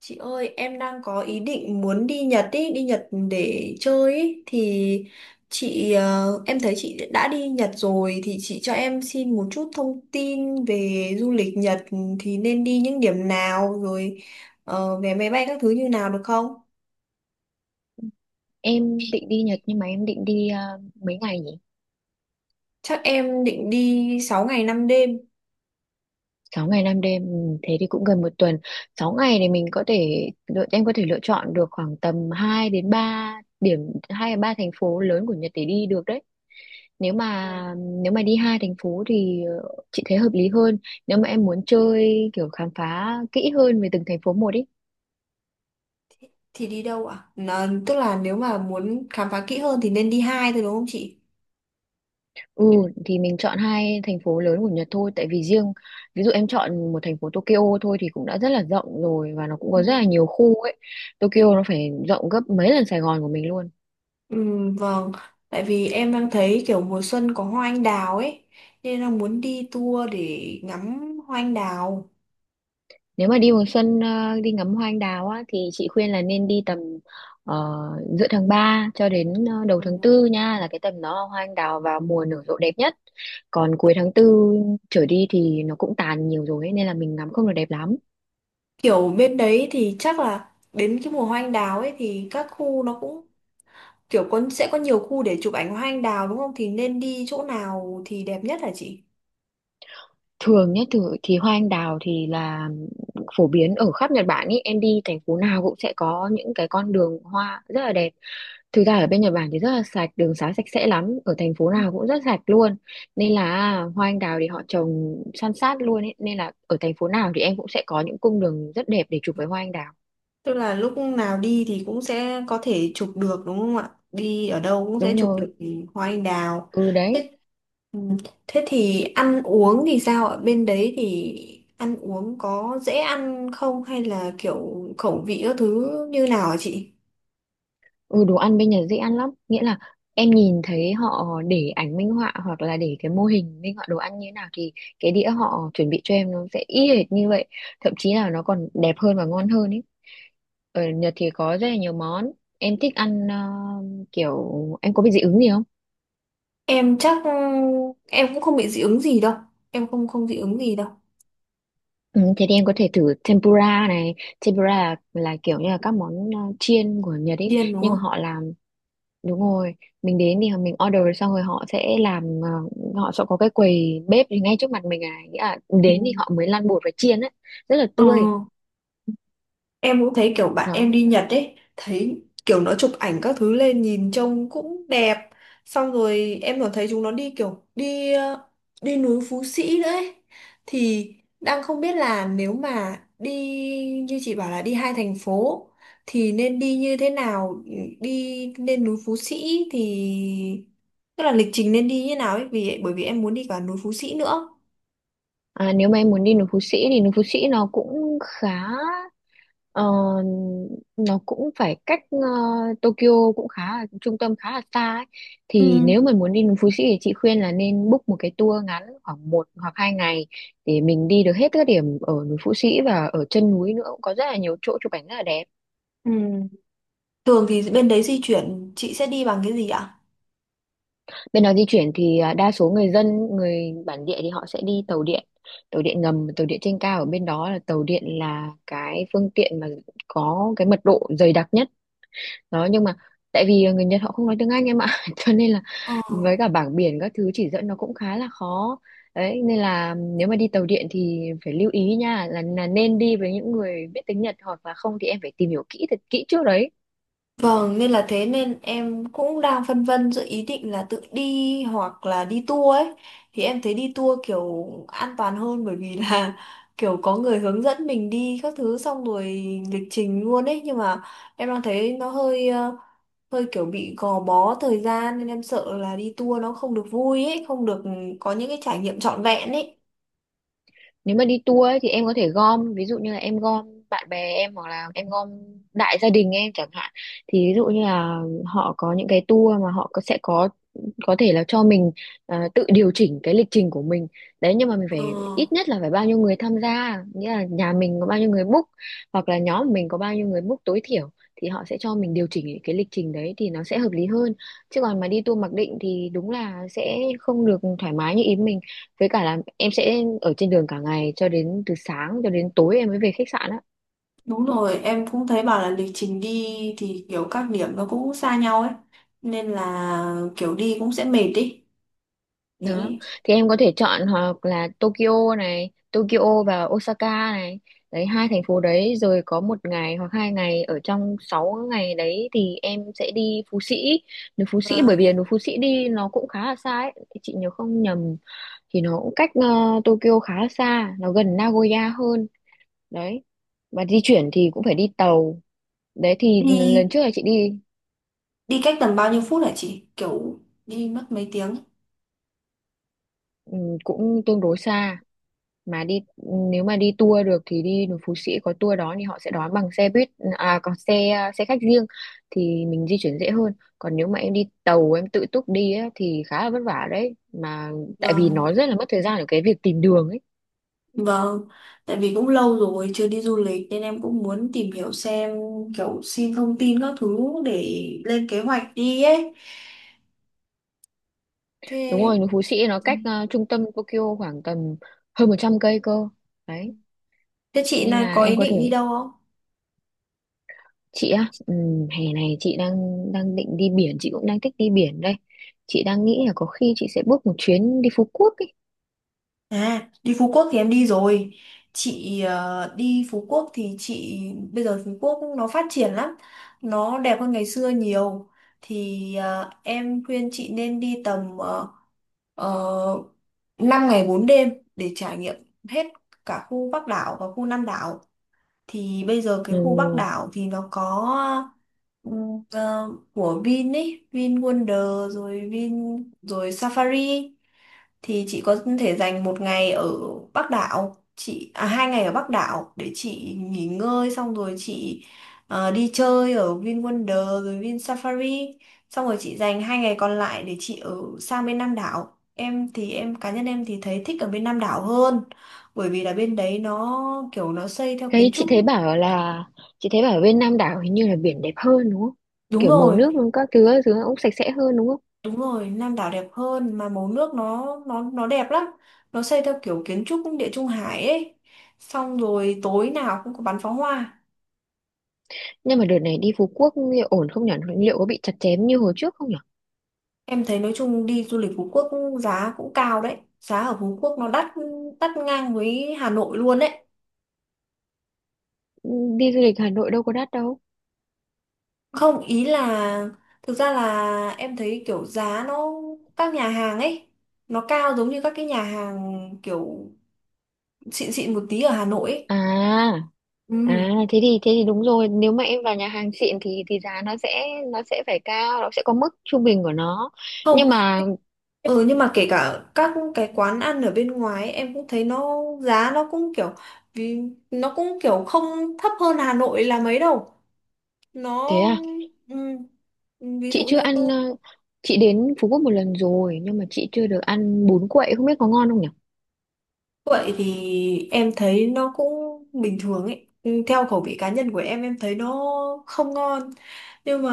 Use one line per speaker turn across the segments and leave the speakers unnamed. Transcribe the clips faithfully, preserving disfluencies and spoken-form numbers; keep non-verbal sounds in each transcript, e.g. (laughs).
Chị ơi, em đang có ý định muốn đi Nhật ý, đi Nhật để chơi ý. Thì chị, ờ, em thấy chị đã đi Nhật rồi thì chị cho em xin một chút thông tin về du lịch Nhật thì nên đi những điểm nào rồi ờ, vé máy bay các thứ như nào được không?
Em định đi Nhật nhưng mà em định đi à, mấy ngày nhỉ?
Chắc em định đi sáu ngày năm đêm.
Sáu ngày năm đêm, ừ, thế thì cũng gần một tuần. Sáu ngày thì mình có thể lựa em có thể lựa chọn được khoảng tầm hai đến ba điểm hai đến ba thành phố lớn của Nhật để đi được đấy. Nếu mà
Ừ.
nếu mà đi hai thành phố thì ờ, chị thấy hợp lý hơn. Nếu mà em muốn chơi kiểu khám phá kỹ hơn về từng thành phố một ý.
Thì đi đâu ạ? Nó- Tức là nếu mà muốn khám phá kỹ hơn thì nên đi hai thôi đúng không chị?
Ừ, thì mình chọn hai thành phố lớn của Nhật thôi, tại vì riêng ví dụ em chọn một thành phố Tokyo thôi thì cũng đã rất là rộng rồi và nó cũng có rất là nhiều khu ấy. Tokyo nó phải rộng gấp mấy lần Sài Gòn của mình luôn.
Ừ, vâng, tại vì em đang thấy kiểu mùa xuân có hoa anh đào ấy, nên là muốn đi tour để ngắm hoa anh đào.
Nếu mà đi mùa xuân ờ, đi ngắm hoa anh đào á thì chị khuyên là nên đi tầm ờ, giữa tháng ba cho đến ờ, đầu
Ừ.
tháng tư nha, là cái tầm nó hoa anh đào vào mùa nở rộ đẹp nhất. Còn cuối tháng tư trở đi thì nó cũng tàn nhiều rồi ấy, nên là mình ngắm không được đẹp lắm.
Kiểu bên đấy thì chắc là đến cái mùa hoa anh đào ấy thì các khu nó cũng kiểu có sẽ có nhiều khu để chụp ảnh hoa anh đào đúng không? Thì nên đi chỗ nào thì đẹp nhất hả chị?
Thường nhé, thử thì hoa anh đào thì là phổ biến ở khắp Nhật Bản ý, em đi thành phố nào cũng sẽ có những cái con đường hoa rất là đẹp. Thực ra ở bên Nhật Bản thì rất là sạch, đường xá sạch sẽ lắm, ở thành phố nào cũng rất sạch luôn, nên là hoa anh đào thì họ trồng san sát luôn ấy, nên là ở thành phố nào thì em cũng sẽ có những cung đường rất đẹp để chụp với hoa anh đào.
Tức là lúc nào đi thì cũng sẽ có thể chụp được đúng không ạ? Đi ở đâu cũng sẽ
Đúng
chụp
rồi.
được hoa anh đào.
Ừ đấy.
Thế, ừ, thế thì ăn uống thì sao ạ? Bên đấy thì ăn uống có dễ ăn không hay là kiểu khẩu vị các thứ như nào hả chị?
Ừ, đồ ăn bên Nhật dễ ăn lắm, nghĩa là em nhìn thấy họ để ảnh minh họa hoặc là để cái mô hình minh họa đồ ăn như thế nào, thì cái đĩa họ chuẩn bị cho em nó sẽ y hệt như vậy, thậm chí là nó còn đẹp hơn và ngon hơn ấy. Ở Nhật thì có rất là nhiều món em thích ăn, ờ, kiểu em có bị dị ứng gì không?
Em chắc ừ, em cũng không bị dị ứng gì đâu. Em không không dị ứng gì đâu.
Ừ, thế thì em có thể thử tempura này. Tempura là, là kiểu như là các món ờ, chiên của Nhật ấy,
Điên đúng
nhưng mà
không?
họ làm. Đúng rồi, mình đến thì mình order xong rồi họ sẽ làm, ờ, họ sẽ có cái quầy bếp thì ngay trước mặt mình, à nghĩa là
Ừ.
đến thì họ mới lăn bột và chiên ấy, rất là
Ờ.
tươi.
Em cũng thấy kiểu bạn em
Đó.
đi Nhật ấy, thấy kiểu nó chụp ảnh các thứ lên nhìn trông cũng đẹp. Xong rồi em còn thấy chúng nó đi kiểu đi ờ, đi núi Phú Sĩ đấy. Thì đang không biết là nếu mà đi như chị bảo là đi hai thành phố thì nên đi như thế nào, đi lên núi Phú Sĩ thì tức là lịch trình nên đi như nào ấy vì bởi vì em muốn đi cả núi Phú Sĩ nữa.
À, nếu mà em muốn đi núi Phú Sĩ thì núi Phú Sĩ nó cũng khá, ờ, nó cũng phải cách ờ, Tokyo, cũng khá là trung tâm khá là xa ấy.
Ừ.
Thì nếu mà muốn đi núi Phú Sĩ thì chị khuyên là nên book một cái tour ngắn khoảng một hoặc hai ngày để mình đi được hết các điểm ở núi Phú Sĩ, và ở chân núi nữa cũng có rất là nhiều chỗ chụp ảnh rất là đẹp.
Ừ. Thường thì bên đấy di chuyển chị sẽ đi bằng cái gì ạ?
Bên đó di chuyển thì à, đa số người dân, người bản địa thì họ sẽ đi tàu điện, tàu điện ngầm, và tàu điện trên cao. Ở bên đó là tàu điện là cái phương tiện mà có cái mật độ dày đặc nhất. Đó, nhưng mà tại vì à, người Nhật họ không nói tiếng Anh em ạ, (laughs) cho nên là
Ờ.
với cả bảng biển các thứ chỉ dẫn nó cũng khá là khó. Đấy, nên là nếu mà đi tàu điện thì phải lưu ý nha, là, là nên đi với những người biết tiếng Nhật, hoặc là không thì em phải tìm hiểu kỹ thật kỹ trước đấy.
Vâng, nên là thế nên em cũng đang phân vân giữa ý định là tự đi hoặc là đi tour ấy. Thì em thấy đi tour kiểu an toàn hơn bởi vì là (laughs) kiểu có người hướng dẫn mình đi các thứ xong rồi lịch trình luôn ấy. Nhưng mà em đang thấy nó hơi ờ, hơi kiểu bị gò bó thời gian nên em sợ là đi tour nó không được vui ấy, không được có những cái trải nghiệm trọn vẹn ấy.
Nếu mà đi tour ấy, thì em có thể gom, ví dụ như là em gom bạn bè em hoặc là em gom đại gia đình em chẳng hạn, thì ví dụ như là họ có những cái tour mà họ có, sẽ có có thể là cho mình à, tự điều chỉnh cái lịch trình của mình. Đấy, nhưng mà mình phải
Ờ.
ít nhất là phải bao nhiêu người tham gia, nghĩa là nhà mình có bao nhiêu người book hoặc là nhóm mình có bao nhiêu người book tối thiểu thì họ sẽ cho mình điều chỉnh cái lịch trình đấy thì nó sẽ hợp lý hơn. Chứ còn mà đi tour mặc định thì đúng là sẽ không được thoải mái như ý mình, với cả là em sẽ ở trên đường cả ngày cho đến từ sáng cho đến tối em mới về khách sạn á.
Đúng rồi, em cũng thấy bảo là lịch trình đi thì kiểu các điểm nó cũng xa nhau ấy. Nên là kiểu đi cũng sẽ mệt đi.
Đó,
Thế
thì em có thể chọn hoặc là Tokyo này, Tokyo và Osaka này. Đấy, hai thành phố đấy, rồi có một ngày hoặc hai ngày ở trong sáu ngày đấy thì em sẽ đi Phú Sĩ, núi Phú Sĩ, bởi
vâng.
vì núi Phú Sĩ đi nó cũng khá là xa ấy. Chị nhớ không nhầm thì nó cũng cách ờ, Tokyo khá là xa, nó gần Nagoya hơn. Đấy, và di chuyển thì cũng phải đi tàu. Đấy thì lần
Đi
trước là chị đi.
đi cách tầm bao nhiêu phút hả chị? Kiểu đi mất mấy tiếng.
Ừ, cũng tương đối xa mà đi, nếu mà đi tour được thì đi núi Phú Sĩ có tour đó thì họ sẽ đón bằng xe buýt, à còn xe à, xe khách riêng thì mình di chuyển dễ hơn. Còn nếu mà em đi tàu em tự túc đi á, thì khá là vất vả đấy, mà tại vì
Vâng,
nó rất là mất thời gian ở cái việc tìm đường ấy.
vâng. Tại vì cũng lâu rồi chưa đi du lịch nên em cũng muốn tìm hiểu xem kiểu xin thông tin các thứ để lên kế hoạch đi ấy.
Đúng
Thế
rồi, núi Phú Sĩ nó cách ờ, trung tâm Tokyo khoảng tầm hơn một trăm cây cơ. Đấy,
thế chị
nên
này
là
có ý
em có
định đi
thể.
đâu?
Chị á, ừm, hè này chị đang đang định đi biển, chị cũng đang thích đi biển đây. Chị đang nghĩ là có khi chị sẽ book một chuyến đi Phú Quốc ấy.
À, đi Phú Quốc thì em đi rồi. Chị ờ, đi Phú Quốc thì chị bây giờ Phú Quốc nó phát triển lắm. Nó đẹp hơn ngày xưa nhiều. Thì ờ, em khuyên chị nên đi tầm uh, năm ngày bốn đêm để trải nghiệm hết cả khu Bắc đảo và khu Nam đảo. Thì bây giờ cái
Ừ.
khu Bắc đảo thì nó có ừm, ờ, của Vin ấy, Vin Wonder rồi Vin rồi Safari. Thì chị có thể dành một ngày ở Bắc đảo, chị à, hai ngày ở Bắc đảo để chị nghỉ ngơi xong rồi chị ờ, đi chơi ở Vin Wonder rồi Vin Safari, xong rồi chị dành hai ngày còn lại để chị ở sang bên Nam đảo. Em thì em cá nhân em thì thấy thích ở bên Nam đảo hơn bởi vì là bên đấy nó kiểu nó xây theo
thấy
kiến
chị
trúc.
thấy bảo là chị thấy bảo bên Nam đảo hình như là biển đẹp hơn đúng không?
Đúng
Kiểu màu
rồi,
nước các thứ các thứ cũng sạch sẽ hơn đúng không?
đúng rồi, Nam đảo đẹp hơn mà màu nước nó nó nó đẹp lắm. Nó xây theo kiểu kiến trúc Địa Trung Hải ấy. Xong rồi tối nào cũng có bắn pháo hoa.
Nhưng mà đợt này đi Phú Quốc liệu ổn không nhỉ, liệu có bị chặt chém như hồi trước không nhỉ?
Em thấy nói chung đi du lịch Phú Quốc giá cũng cao đấy. Giá ở Phú Quốc nó đắt, đắt ngang với Hà Nội luôn đấy.
Ừ, đi du lịch Hà Nội đâu có đắt đâu.
Không, ý là thực ra là em thấy kiểu giá nó các nhà hàng ấy nó cao giống như các cái nhà hàng kiểu xịn xịn một tí ở Hà Nội ấy.
À,
Ừ.
à thế thì thế thì đúng rồi, nếu mà em vào nhà hàng xịn thì thì giá nó sẽ nó sẽ phải cao, nó sẽ có mức trung bình của nó.
Không,
Nhưng mà
ừ nhưng mà kể cả các cái quán ăn ở bên ngoài ấy, em cũng thấy nó giá nó cũng kiểu vì nó cũng kiểu không thấp hơn Hà Nội là mấy đâu. Nó
thế à,
ừm, ví
chị
dụ
chưa
như
ăn, ờ, chị đến Phú Quốc một lần rồi nhưng mà chị chưa được ăn bún quậy, không biết có ngon không nhỉ?
vậy thì em thấy nó cũng bình thường ấy. Ừ, theo khẩu vị cá nhân của em em thấy nó không ngon. Nhưng mà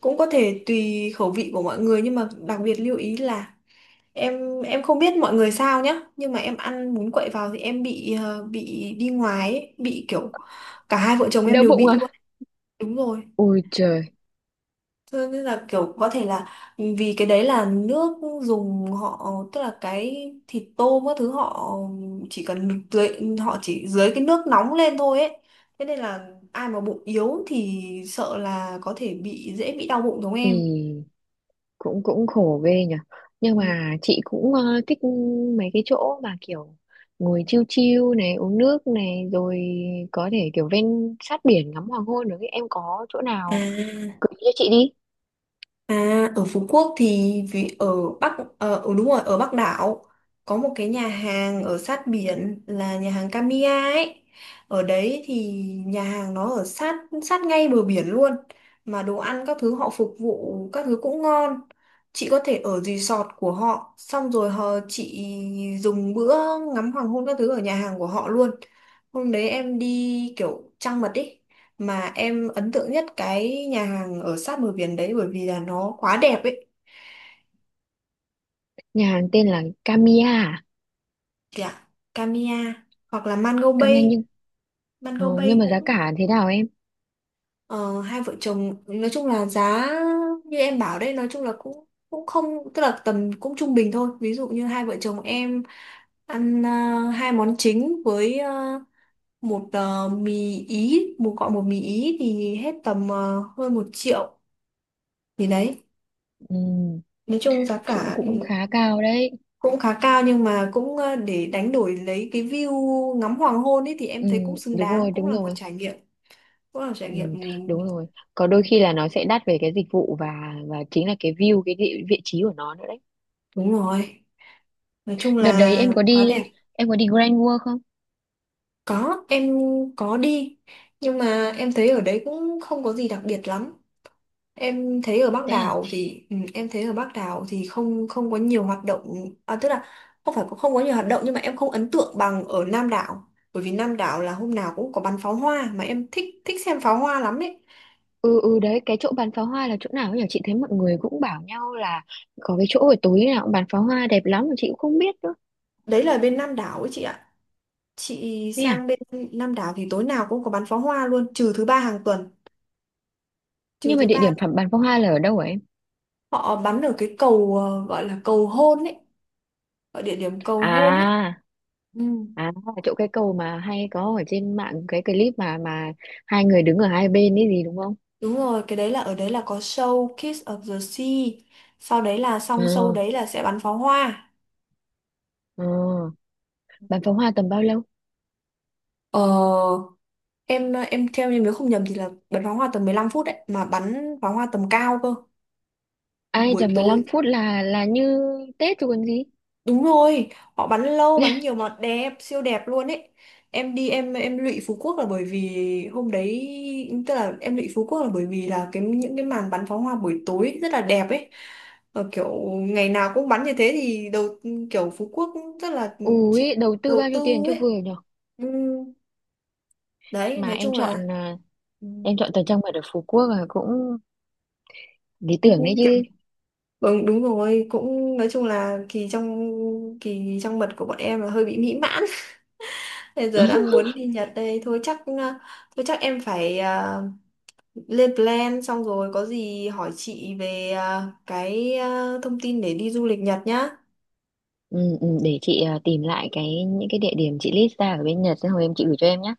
cũng có thể tùy khẩu vị của mọi người, nhưng mà đặc biệt lưu ý là Em em không biết mọi người sao nhá, nhưng mà em ăn bún quậy vào thì em bị ờ, bị đi ngoài ấy, bị kiểu cả hai vợ chồng em
Đau
đều
bụng
bị
à?
luôn. Đúng rồi.
Ôi trời,
Thế nên là kiểu có thể là vì cái đấy là nước dùng họ, tức là cái thịt tôm các thứ họ chỉ cần dưới, họ chỉ dưới cái nước nóng lên thôi ấy. Thế nên là ai mà bụng yếu thì sợ là có thể bị, dễ bị đau bụng giống em.
thì cũng cũng khổ ghê nhỉ. Nhưng
Ừ.
mà chị cũng ờ, thích mấy cái chỗ mà kiểu ngồi chill chill này, uống nước này, rồi có thể kiểu ven sát biển ngắm hoàng hôn được ấy. Em có chỗ nào
À.
gợi cho chị đi?
À, ở Phú Quốc thì vì ở Bắc ờ ừ, đúng rồi, ở Bắc đảo có một cái nhà hàng ở sát biển là nhà hàng Kamiya ấy. Ở đấy thì nhà hàng nó ở sát, sát ngay bờ biển luôn mà đồ ăn các thứ họ phục vụ các thứ cũng ngon. Chị có thể ở resort của họ xong rồi họ chị dùng bữa ngắm hoàng hôn các thứ ở nhà hàng của họ luôn. Hôm đấy em đi kiểu trăng mật ý, mà em ấn tượng nhất cái nhà hàng ở sát bờ biển đấy bởi vì là nó quá đẹp ấy,
Nhà hàng tên là Kamiya à?
kìa, Kamiya hoặc là Mango
Kamiya.
Bay.
Nhưng ờ,
Mango
nhưng
Bay
mà giá
cũng
cả thế nào em?
ờ, hai vợ chồng nói chung là giá như em bảo đấy nói chung là cũng cũng không, tức là tầm cũng trung bình thôi. Ví dụ như hai vợ chồng em ăn ờ, hai món chính với ờ, một ờ, mì ý, một gọi một mì ý thì hết tầm ờ, hơn một triệu, thì đấy,
Ừ,
nói chung giá
cũng
cả
cũng khá cao đấy.
cũng khá cao nhưng mà cũng ờ, để đánh đổi lấy cái view ngắm hoàng hôn ấy thì
Ừ,
em thấy cũng xứng
đúng
đáng,
rồi
cũng
đúng
là một
rồi.
trải nghiệm, cũng là một trải
Ừ,
nghiệm.
đúng rồi. Có
Ừ,
đôi khi là nó sẽ đắt về cái dịch vụ và và chính là cái view, cái địa, vị trí của nó nữa đấy.
đúng rồi, nói chung
Đợt đấy
là
em có
quá
đi
đẹp.
em có đi Grand World không?
Có, em có đi, nhưng mà em thấy ở đấy cũng không có gì đặc biệt lắm. Em thấy ở Bắc
Thế à.
đảo thì ừ, em thấy ở Bắc đảo thì không không có nhiều hoạt động, à, tức là không phải không có nhiều hoạt động nhưng mà em không ấn tượng bằng ở Nam đảo bởi vì Nam đảo là hôm nào cũng có bắn pháo hoa, mà em thích thích xem pháo hoa lắm ấy.
Ừ ừ đấy, cái chỗ bắn pháo hoa là chỗ nào nhỉ? Chị thấy mọi người cũng bảo nhau là có cái chỗ ở tối nào cũng bắn pháo hoa đẹp lắm mà chị cũng không biết nữa.
Đấy là bên Nam đảo ấy chị ạ. Chị
Thế à.
sang bên Nam đảo thì tối nào cũng có bắn pháo hoa luôn, trừ thứ ba hàng tuần. Trừ
Nhưng mà
thứ
địa
ba
điểm phẩm bắn pháo hoa là ở đâu hả em?
họ bắn ở cái cầu ờ, gọi là cầu hôn ấy, ở địa điểm cầu hôn ấy.
À.
Ừ,
À, chỗ cái cầu mà hay có ở trên mạng cái clip mà mà hai người đứng ở hai bên ấy gì đúng không?
đúng rồi, cái đấy là ở đấy là có show Kiss of the Sea. Sau đấy là
Ờ,
xong show đấy là sẽ bắn pháo hoa.
ờ. Bắn pháo hoa tầm bao lâu?
Ờ, em em theo, như nếu không nhầm thì là bắn pháo hoa tầm mười lăm phút đấy, mà bắn pháo hoa tầm cao cơ.
Ai
Buổi
chẳng mười lăm
tối
phút là là như Tết chứ còn gì.
đúng rồi, họ bắn lâu, bắn nhiều mà đẹp, siêu đẹp luôn ấy. Em đi em em lụy Phú Quốc là bởi vì hôm đấy, tức là em lụy Phú Quốc là bởi vì là cái những cái màn bắn pháo hoa buổi tối rất là đẹp ấy. Ờ, kiểu ngày nào cũng bắn như thế thì đầu, kiểu Phú Quốc cũng rất là chịu
Ui, đầu tư
đầu
bao
tư
nhiêu tiền cho
ấy.
vừa nhở?
Ừ, đấy,
Mà
nói
em
chung là
chọn à,
ừ,
em chọn thời trang mật ở Phú Quốc là cũng lý tưởng
cũng
đấy
kiểu
chứ.
ừ, đúng rồi, cũng nói chung là kỳ trong, kỳ trong mật của bọn em là hơi bị mỹ mãn. Bây giờ đang muốn
(laughs)
đi Nhật đây thôi chắc ờ, thôi chắc em phải ờ, lên plan xong rồi có gì hỏi chị về ờ, cái ờ, thông tin để đi du lịch Nhật nhá.
Ừ, ừ, để chị à, tìm lại cái những cái địa điểm chị list ra ở bên Nhật xong rồi em chị gửi cho em nhé.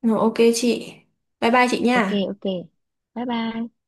Ừ, ok chị. Bye bye chị
Ok
nha.
ok. Bye bye.